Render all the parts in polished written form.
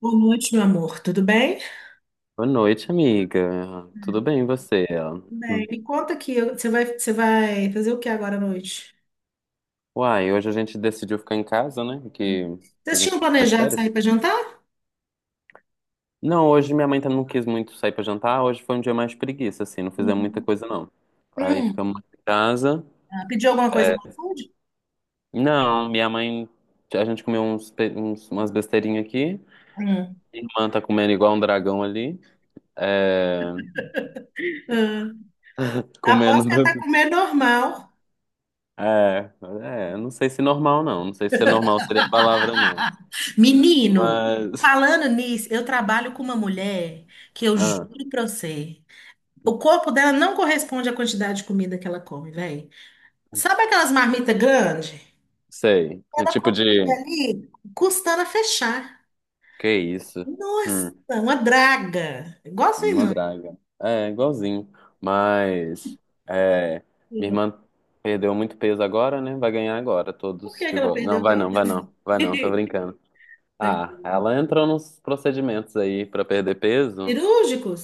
Boa noite, meu amor. Tudo bem? Boa noite, amiga. Tudo Hum. bem, e você? Tudo bem, Hum. me conta aqui, você vai fazer o que agora à noite? Uai, hoje a gente decidiu ficar em casa, né? Hum. Que a Vocês gente tinham tá de planejado férias. sair para jantar? Não, hoje minha mãe também não quis muito sair pra jantar. Hoje foi um dia mais de preguiça, assim, não fizemos muita Uhum. coisa, não. Aí Hum. ficamos em casa. Ah, pediu alguma coisa É, no iFood? não, minha mãe. A gente comeu umas besteirinhas aqui. Hum. Minha irmã tá comendo igual um dragão ali. É, Ah, aposto comendo. que ela tá do- comendo normal. É, não sei se normal, não. Não sei se é normal seria a palavra, não. Menino, Mas. falando nisso, eu trabalho com uma mulher que eu Ah. juro pra você, o corpo dela não corresponde à quantidade de comida que ela come, velho. Sabe aquelas marmitas grandes? Sei. É Cada tipo comida de. ali custando a fechar. Que isso? Nossa, Hum, uma draga. Igual a sua irmã. mandraga. É, igualzinho. Mas. É, minha Sim. irmã perdeu muito peso agora, né? Vai ganhar agora, Por todos que que de ela volta. Não, perdeu vai peso? não, vai não. Vai não, tô brincando. Ah, ela entrou nos procedimentos aí pra perder peso? Cirúrgicos?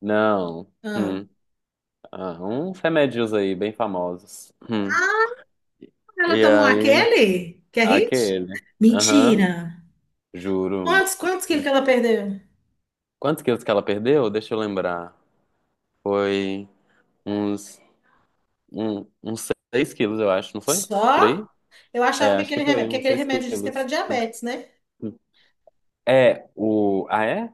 Não. Ah, Hum. Ah, uns remédios aí, bem famosos. Hum. ah, ela E tomou aí, aquele? Que é hit? aquele. Aham, Mentira. juro. Quantos quilos que ela perdeu? Quantos quilos que ela perdeu? Deixa eu lembrar. Foi. Uns, um, uns 6 quilos, eu acho, não foi? Por Só? aí? Eu É, achava que acho que aquele remédio, foi, uns 6 diz que é para quilos. diabetes, né? É, o. Ah, é?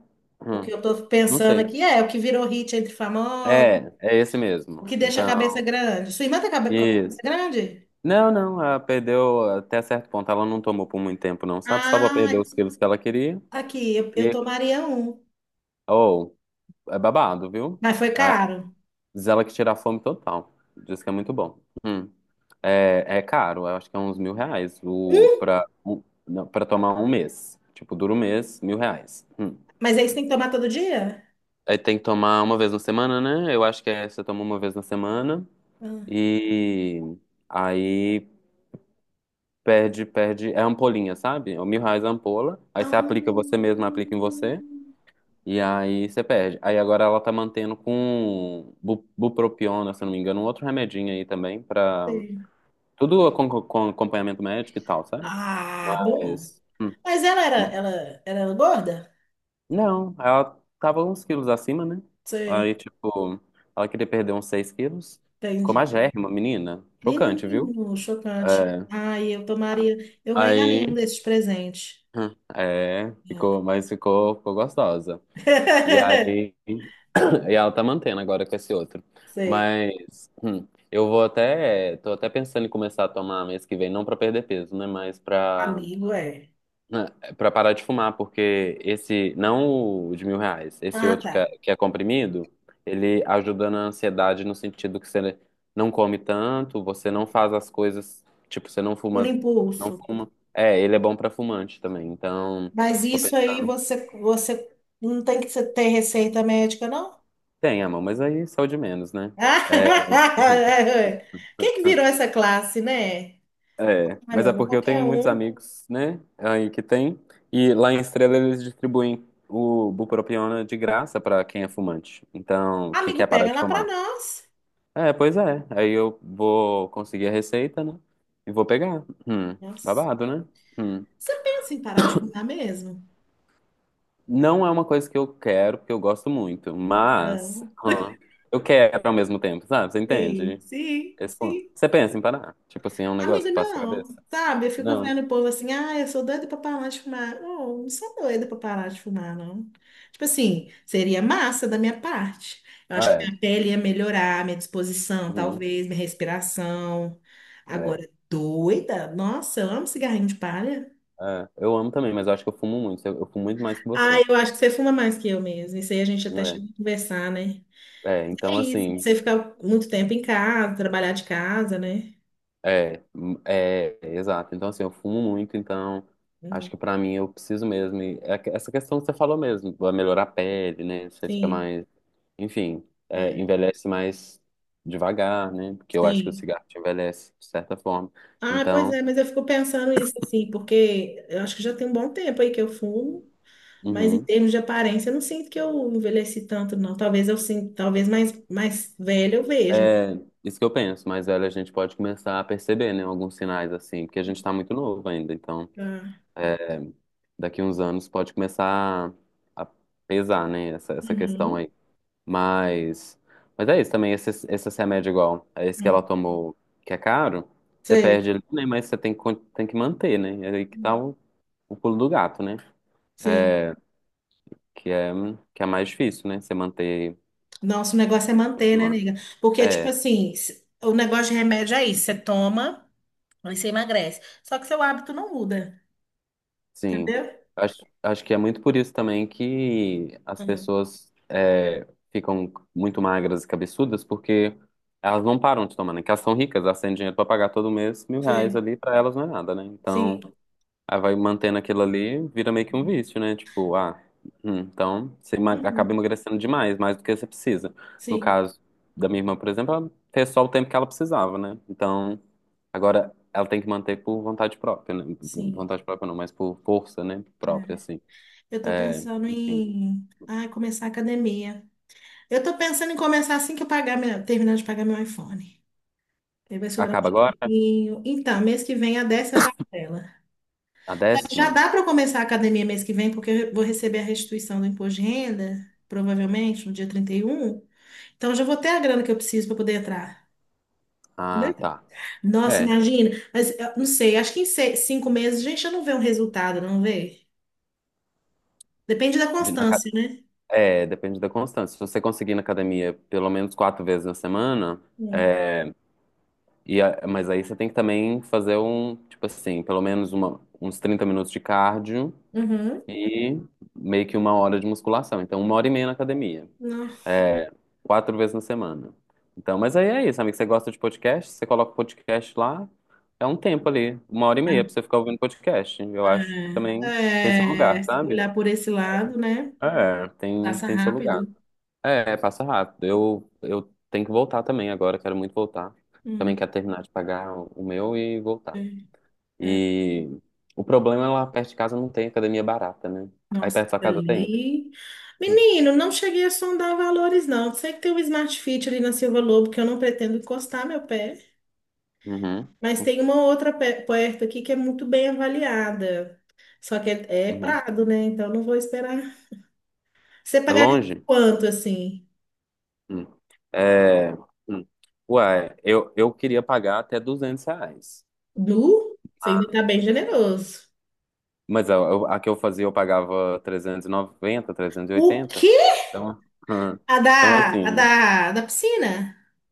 O que Hum, eu tô não pensando sei. aqui é o que virou hit entre famosos, É esse o mesmo. que deixa a cabeça Então, grande. Sua irmã tá com a cabeça isso. grande? Não, não, ela perdeu até certo ponto. Ela não tomou por muito tempo, não, sabe? Só pra perder Ah, os quilos que ela queria. aqui, eu E, tomaria um, oh, é babado, viu? mas foi Ah, caro. diz ela que tira a fome total. Diz que é muito bom. Hum. É caro, eu acho que é uns 1.000 reais o, Um. pra, o, não, pra tomar um mês. Tipo, dura um mês, 1.000 reais. Hum. Mas aí você tem que tomar todo dia? Aí tem que tomar uma vez na semana, né? Eu acho que é, você toma uma vez na semana e aí perde, perde. É ampolinha, sabe? É 1.000 reais a ampola. Aí Ah, você aplica você mesmo, aplica em você. E aí você perde. Aí agora ela tá mantendo com bupropiona, se eu não me engano, um outro remedinho aí também pra sei. Tudo com acompanhamento médico e tal, sabe? Ah, bom. Mas. Mas ela, era gorda? Não, ela tava uns quilos acima, né? Sim, Aí, tipo, ela queria perder uns 6 quilos. Ficou entendi. magérrima, menina. Chocante, viu? Menino, chocante. É. Ai, eu tomaria, eu ganharia um Aí. desses presentes. É, É. ficou, mas ficou, ficou gostosa. E aí. E ela tá mantendo agora com esse outro. Sei, Mas. Eu vou até. Tô até pensando em começar a tomar mês que vem, não pra perder peso, né? Mas pra amigo é. Né, É, Pra parar de fumar, porque esse, não o de 1.000 reais, esse Ah, outro tá. que é comprimido, ele ajuda na ansiedade no sentido que você não come tanto, você não faz as coisas, tipo, você não Por fuma, não impulso. fuma. É, ele é bom pra fumante também, então Mas tô isso aí pensando. você, não tem que ter receita médica, não? Tem, amor, mas aí saúde menos, né? É. Quem que virou essa classe, né? É, Ah, mas meu é amor, porque eu tenho qualquer muitos um. amigos, né, aí que tem, e lá em Estrela eles distribuem o bupropiona de graça pra quem é fumante. Então, que Amigo, quer parar pega de lá pra fumar? nós. É, pois é. Aí eu vou conseguir a receita, né, e vou pegar. Nossa. Babado, né? Hum. Você pensa em parar de fumar mesmo? Não é uma coisa que eu quero, porque eu gosto muito, mas Não. Eu quero ao mesmo tempo, sabe? Você Sim, entende? sim, Esse ponto. sim. Você pensa em parar? Tipo assim, é um negócio Amigo, que passa a não, cabeça? sabe? Eu fico Não. vendo o povo assim, ah, eu sou doida pra parar de fumar. Oh, não sou doida pra parar de fumar, não. Tipo assim, seria massa da minha parte. Eu Ah, acho que é. minha pele ia melhorar, minha disposição, Uhum. talvez, minha respiração. É. Agora, doida? Nossa, eu amo cigarrinho de palha. É, eu amo também, mas eu acho que eu fumo muito. Eu fumo muito mais que Ah, você. eu acho que você fuma mais que eu mesmo. Isso aí a gente até chegou a conversar, né? É Então isso, assim, você ficar muito tempo em casa, trabalhar de casa, né? Exato. Então assim, eu fumo muito, então Hum, acho que pra mim eu preciso mesmo. E é essa questão que você falou mesmo, vai melhorar a pele, né? Você fica sim, mais, enfim, é, envelhece mais devagar, né? Porque eu acho que o sim. cigarro te envelhece de certa forma. Ah, pois Então, é, mas eu fico pensando isso assim, porque eu acho que já tem um bom tempo aí que eu fumo, mas em uhum, termos de aparência, eu não sinto que eu envelheci tanto, não. Talvez eu sinta, talvez mais, mais velha eu veja, né? é isso que eu penso. Mas velho, a gente pode começar a perceber, né? Alguns sinais assim, porque a gente tá muito novo ainda, então. Ah, é, daqui uns anos pode começar a pesar, né? Essa questão uhum, aí. Mas, mas é isso também, esse remédio igual, é esse que ela hum, tomou, que é caro, você sei. perde ele, né? Mas você tem que manter, né? É aí que tá o pulo do gato, né? Sim. Que é, que é mais difícil, né? Você manter. Nossa, o negócio é manter, né, nega? Porque, tipo É. assim, o negócio de remédio é isso, você toma, aí você emagrece. Só que seu hábito não muda, Sim, entendeu? acho que é muito por isso também que as Hum, pessoas ficam muito magras e cabeçudas, porque elas não param de tomar, né? Que elas são ricas, elas têm dinheiro para pagar todo mês 1.000 reais Sei. ali, para elas não é nada, né? Sim. Então, aí vai mantendo aquilo ali, vira meio que um vício, né? Tipo, ah, então você acaba Uhum, emagrecendo demais, mais do que você precisa. No sim. caso da minha irmã, por exemplo, ela fez só o tempo que ela precisava, né? Então. Agora, ela tem que manter por vontade própria, né? Por Sim. vontade própria não, mas por força, né? É. Própria, assim. Eu tô É, pensando enfim. em, ah, começar a academia. Eu tô pensando em começar assim que eu pagar meu, terminar de pagar meu iPhone. Aí vai sobrar um Acaba agora? dinheirinho. Então, mês que vem a décima parcela. A Já décima? dá para começar a academia mês que vem, porque eu vou receber a restituição do imposto de renda, provavelmente no dia 31. Então, eu já vou ter a grana que eu preciso para poder entrar. Ah, Entendeu? tá. Nossa, É. imagina. Mas eu não sei, acho que em 5 meses a gente já não vê um resultado, não vê? Depende da De- na ca- constância, né? depende da constância. Se você conseguir na academia pelo menos 4 vezes na semana, Hum. Mas aí você tem que também fazer um, tipo assim, pelo menos uns 30 minutos de cardio Uhum. e meio que uma hora de musculação. Então, uma hora e meia na academia. Não. É, 4 vezes na semana. Então, mas aí é isso, amigo. Você gosta de podcast? Você coloca o podcast lá, é um tempo ali, uma hora e meia pra você ficar ouvindo podcast. Eu acho que também tem seu É, é, lugar, se sabe? olhar por esse lado, né? É, tem, Passa tem seu lugar. rápido. É, passa rápido. Eu tenho que voltar também agora, quero muito voltar. Também Hum, quero terminar de pagar o meu e é, voltar. é, E o problema é lá perto de casa não tem academia barata, né? Aí nossa, perto da sua casa tem? ali. Menino, não cheguei a sondar valores, não. Sei que tem um Smart Fit ali na Silva Lobo, que eu não pretendo encostar meu pé. Uhum, Mas tem uma outra perto aqui que é muito bem avaliada. Só que é, é uhum. Prado, né? Então não vou esperar. Você É pagaria longe? quanto, assim? Hum. É, hum. Ué, eu queria pagar até 200 reais. Du? Você ainda tá bem generoso. Mas a que eu fazia eu pagava 390, O 380. quê? Então, hum. A Então da, assim, né? Da piscina?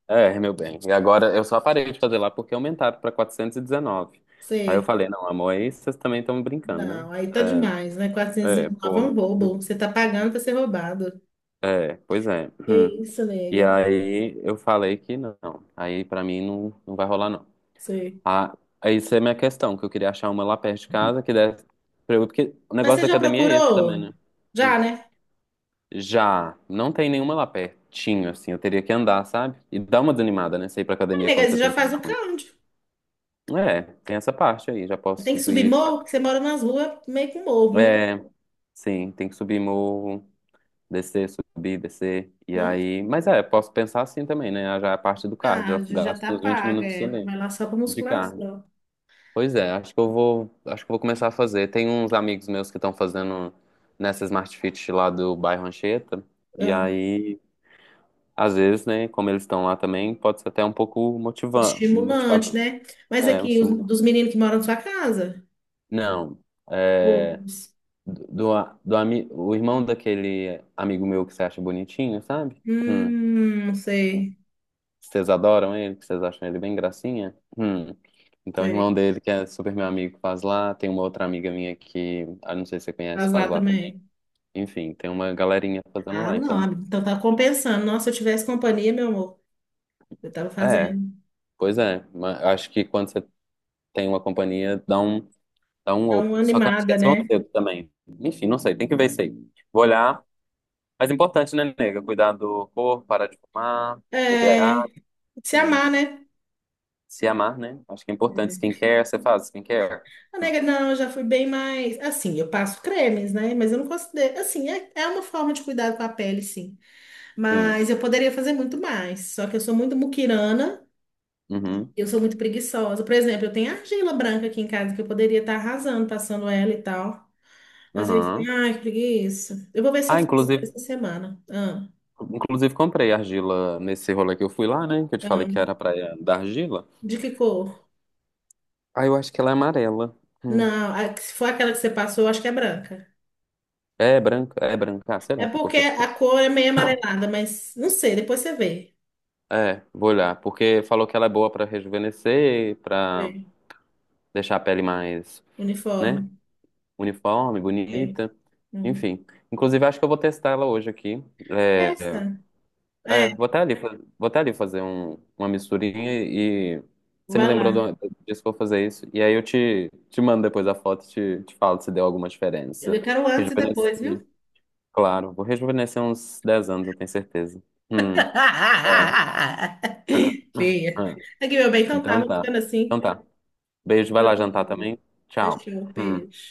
É, meu bem. E agora eu só parei de fazer lá porque aumentaram para 419. Aí eu Sei. falei, não, amor, aí vocês também estão brincando, né? Não, aí tá demais, né? Quatrocentos É, e é, nove é um porra. roubo. Você tá pagando pra ser roubado. É, pois é. Que Hum. isso, E nega. aí eu falei que não. Aí pra mim não, não vai rolar, não. Sei. Ah, isso é a minha questão, que eu queria achar uma lá perto de casa que desse pra eu, porque o Mas negócio você da já academia é esse também, procurou? né? Hum. Já, né? Já, não tem nenhuma lá pertinho, assim, eu teria que andar, sabe? E dá uma desanimada, né? Você ir pra Ai, academia quando nega, você você já tem que faz o andar muito. cardio. É, tem essa parte aí, já posso Tem que subir subir. morro, porque você mora nas ruas, meio com morro, né? É, sim, tem que subir morro, descer, subir, descer. E Não, aí, mas é, posso pensar assim também, né? Já é a parte do cardio, já cardio, já tá gasto uns 20 paga, minutos é. ali Vai lá só pra de cardio. musculação. Pois é, acho que eu vou começar a fazer. Tem uns amigos meus que estão fazendo nessa Smart Fit lá do bairro Anchieta. E Ah, aí, às vezes, né, como eles estão lá também, pode ser até um pouco motivando estimulante, motivador. né? Mas É, um aqui, os, estímulo. dos meninos que moram na sua casa? Não, é, Todos. do, do, a- do ami- o irmão daquele amigo meu que você acha bonitinho, sabe? Sei, Vocês adoram ele, que vocês acham ele bem gracinha? Hum. Então, o irmão sei. dele, que é super meu amigo, faz lá. Tem uma outra amiga minha que, ah, não sei se você conhece, Faz faz lá lá também. também. Enfim, tem uma galerinha fazendo Ah, lá. não. Ah, Então, então tá compensando. Nossa, se eu tivesse companhia, meu amor, eu tava é, fazendo. pois é. Mas eu acho que quando você tem uma companhia, dá um Dá up. uma Só que eu acho que animada, eles vão né? cedo também. Enfim, não sei, tem que ver isso aí. Vou olhar. Mas é importante, né, nega? Cuidar do corpo, parar de fumar, beber água, É, se hum, amar, né? se amar, né? Acho que é importante. Skincare, você faz skincare? A Hum, nega, não, eu já fui bem mais. Assim, eu passo cremes, né? Mas eu não considero. Assim, é, é uma forma de cuidado com a pele, sim. Sim. Mas eu poderia fazer muito mais. Só que eu sou muito muquirana Uhum. e eu sou muito preguiçosa. Por exemplo, eu tenho argila branca aqui em casa que eu poderia estar arrasando, passando ela e tal. Mas eu fico, Uhum. ai, que preguiça. Eu vou ver se eu Ah, faço inclusive, essa semana. Ah, inclusive comprei argila nesse rolê que eu fui lá, né? Que eu te falei que era a ah. praia da argila. De que cor? Ah, eu acho que ela é amarela. Hum. Não, se for aquela que você passou, eu acho que é branca. É branca, ah, É será que cor porque que é a aquela? cor é meio amarelada, mas não sei, depois você vê. É, vou olhar, porque falou que ela é boa pra rejuvenescer, Vê. pra deixar a pele mais, né, Uniforme. uniforme, Vê. bonita, Hum. enfim. Inclusive, acho que eu vou testar ela hoje aqui. É É, essa. É, vou até ali fazer uma misturinha e você me vai lembrou lá. Disso que eu vou fazer isso. E aí eu te mando depois a foto e te falo se deu alguma diferença. Eu quero um antes e depois, Rejuvenesci, viu? claro, vou rejuvenescer uns 10 anos, eu tenho certeza. Hum. Ah, ah, Feia. ah. Aqui, meu bem, então tá, Então vou tá. ficando assim. Então tá. Beijo, vai Boa lá noite, jantar amor. também. Tchau. Fechou, Hum. beijo.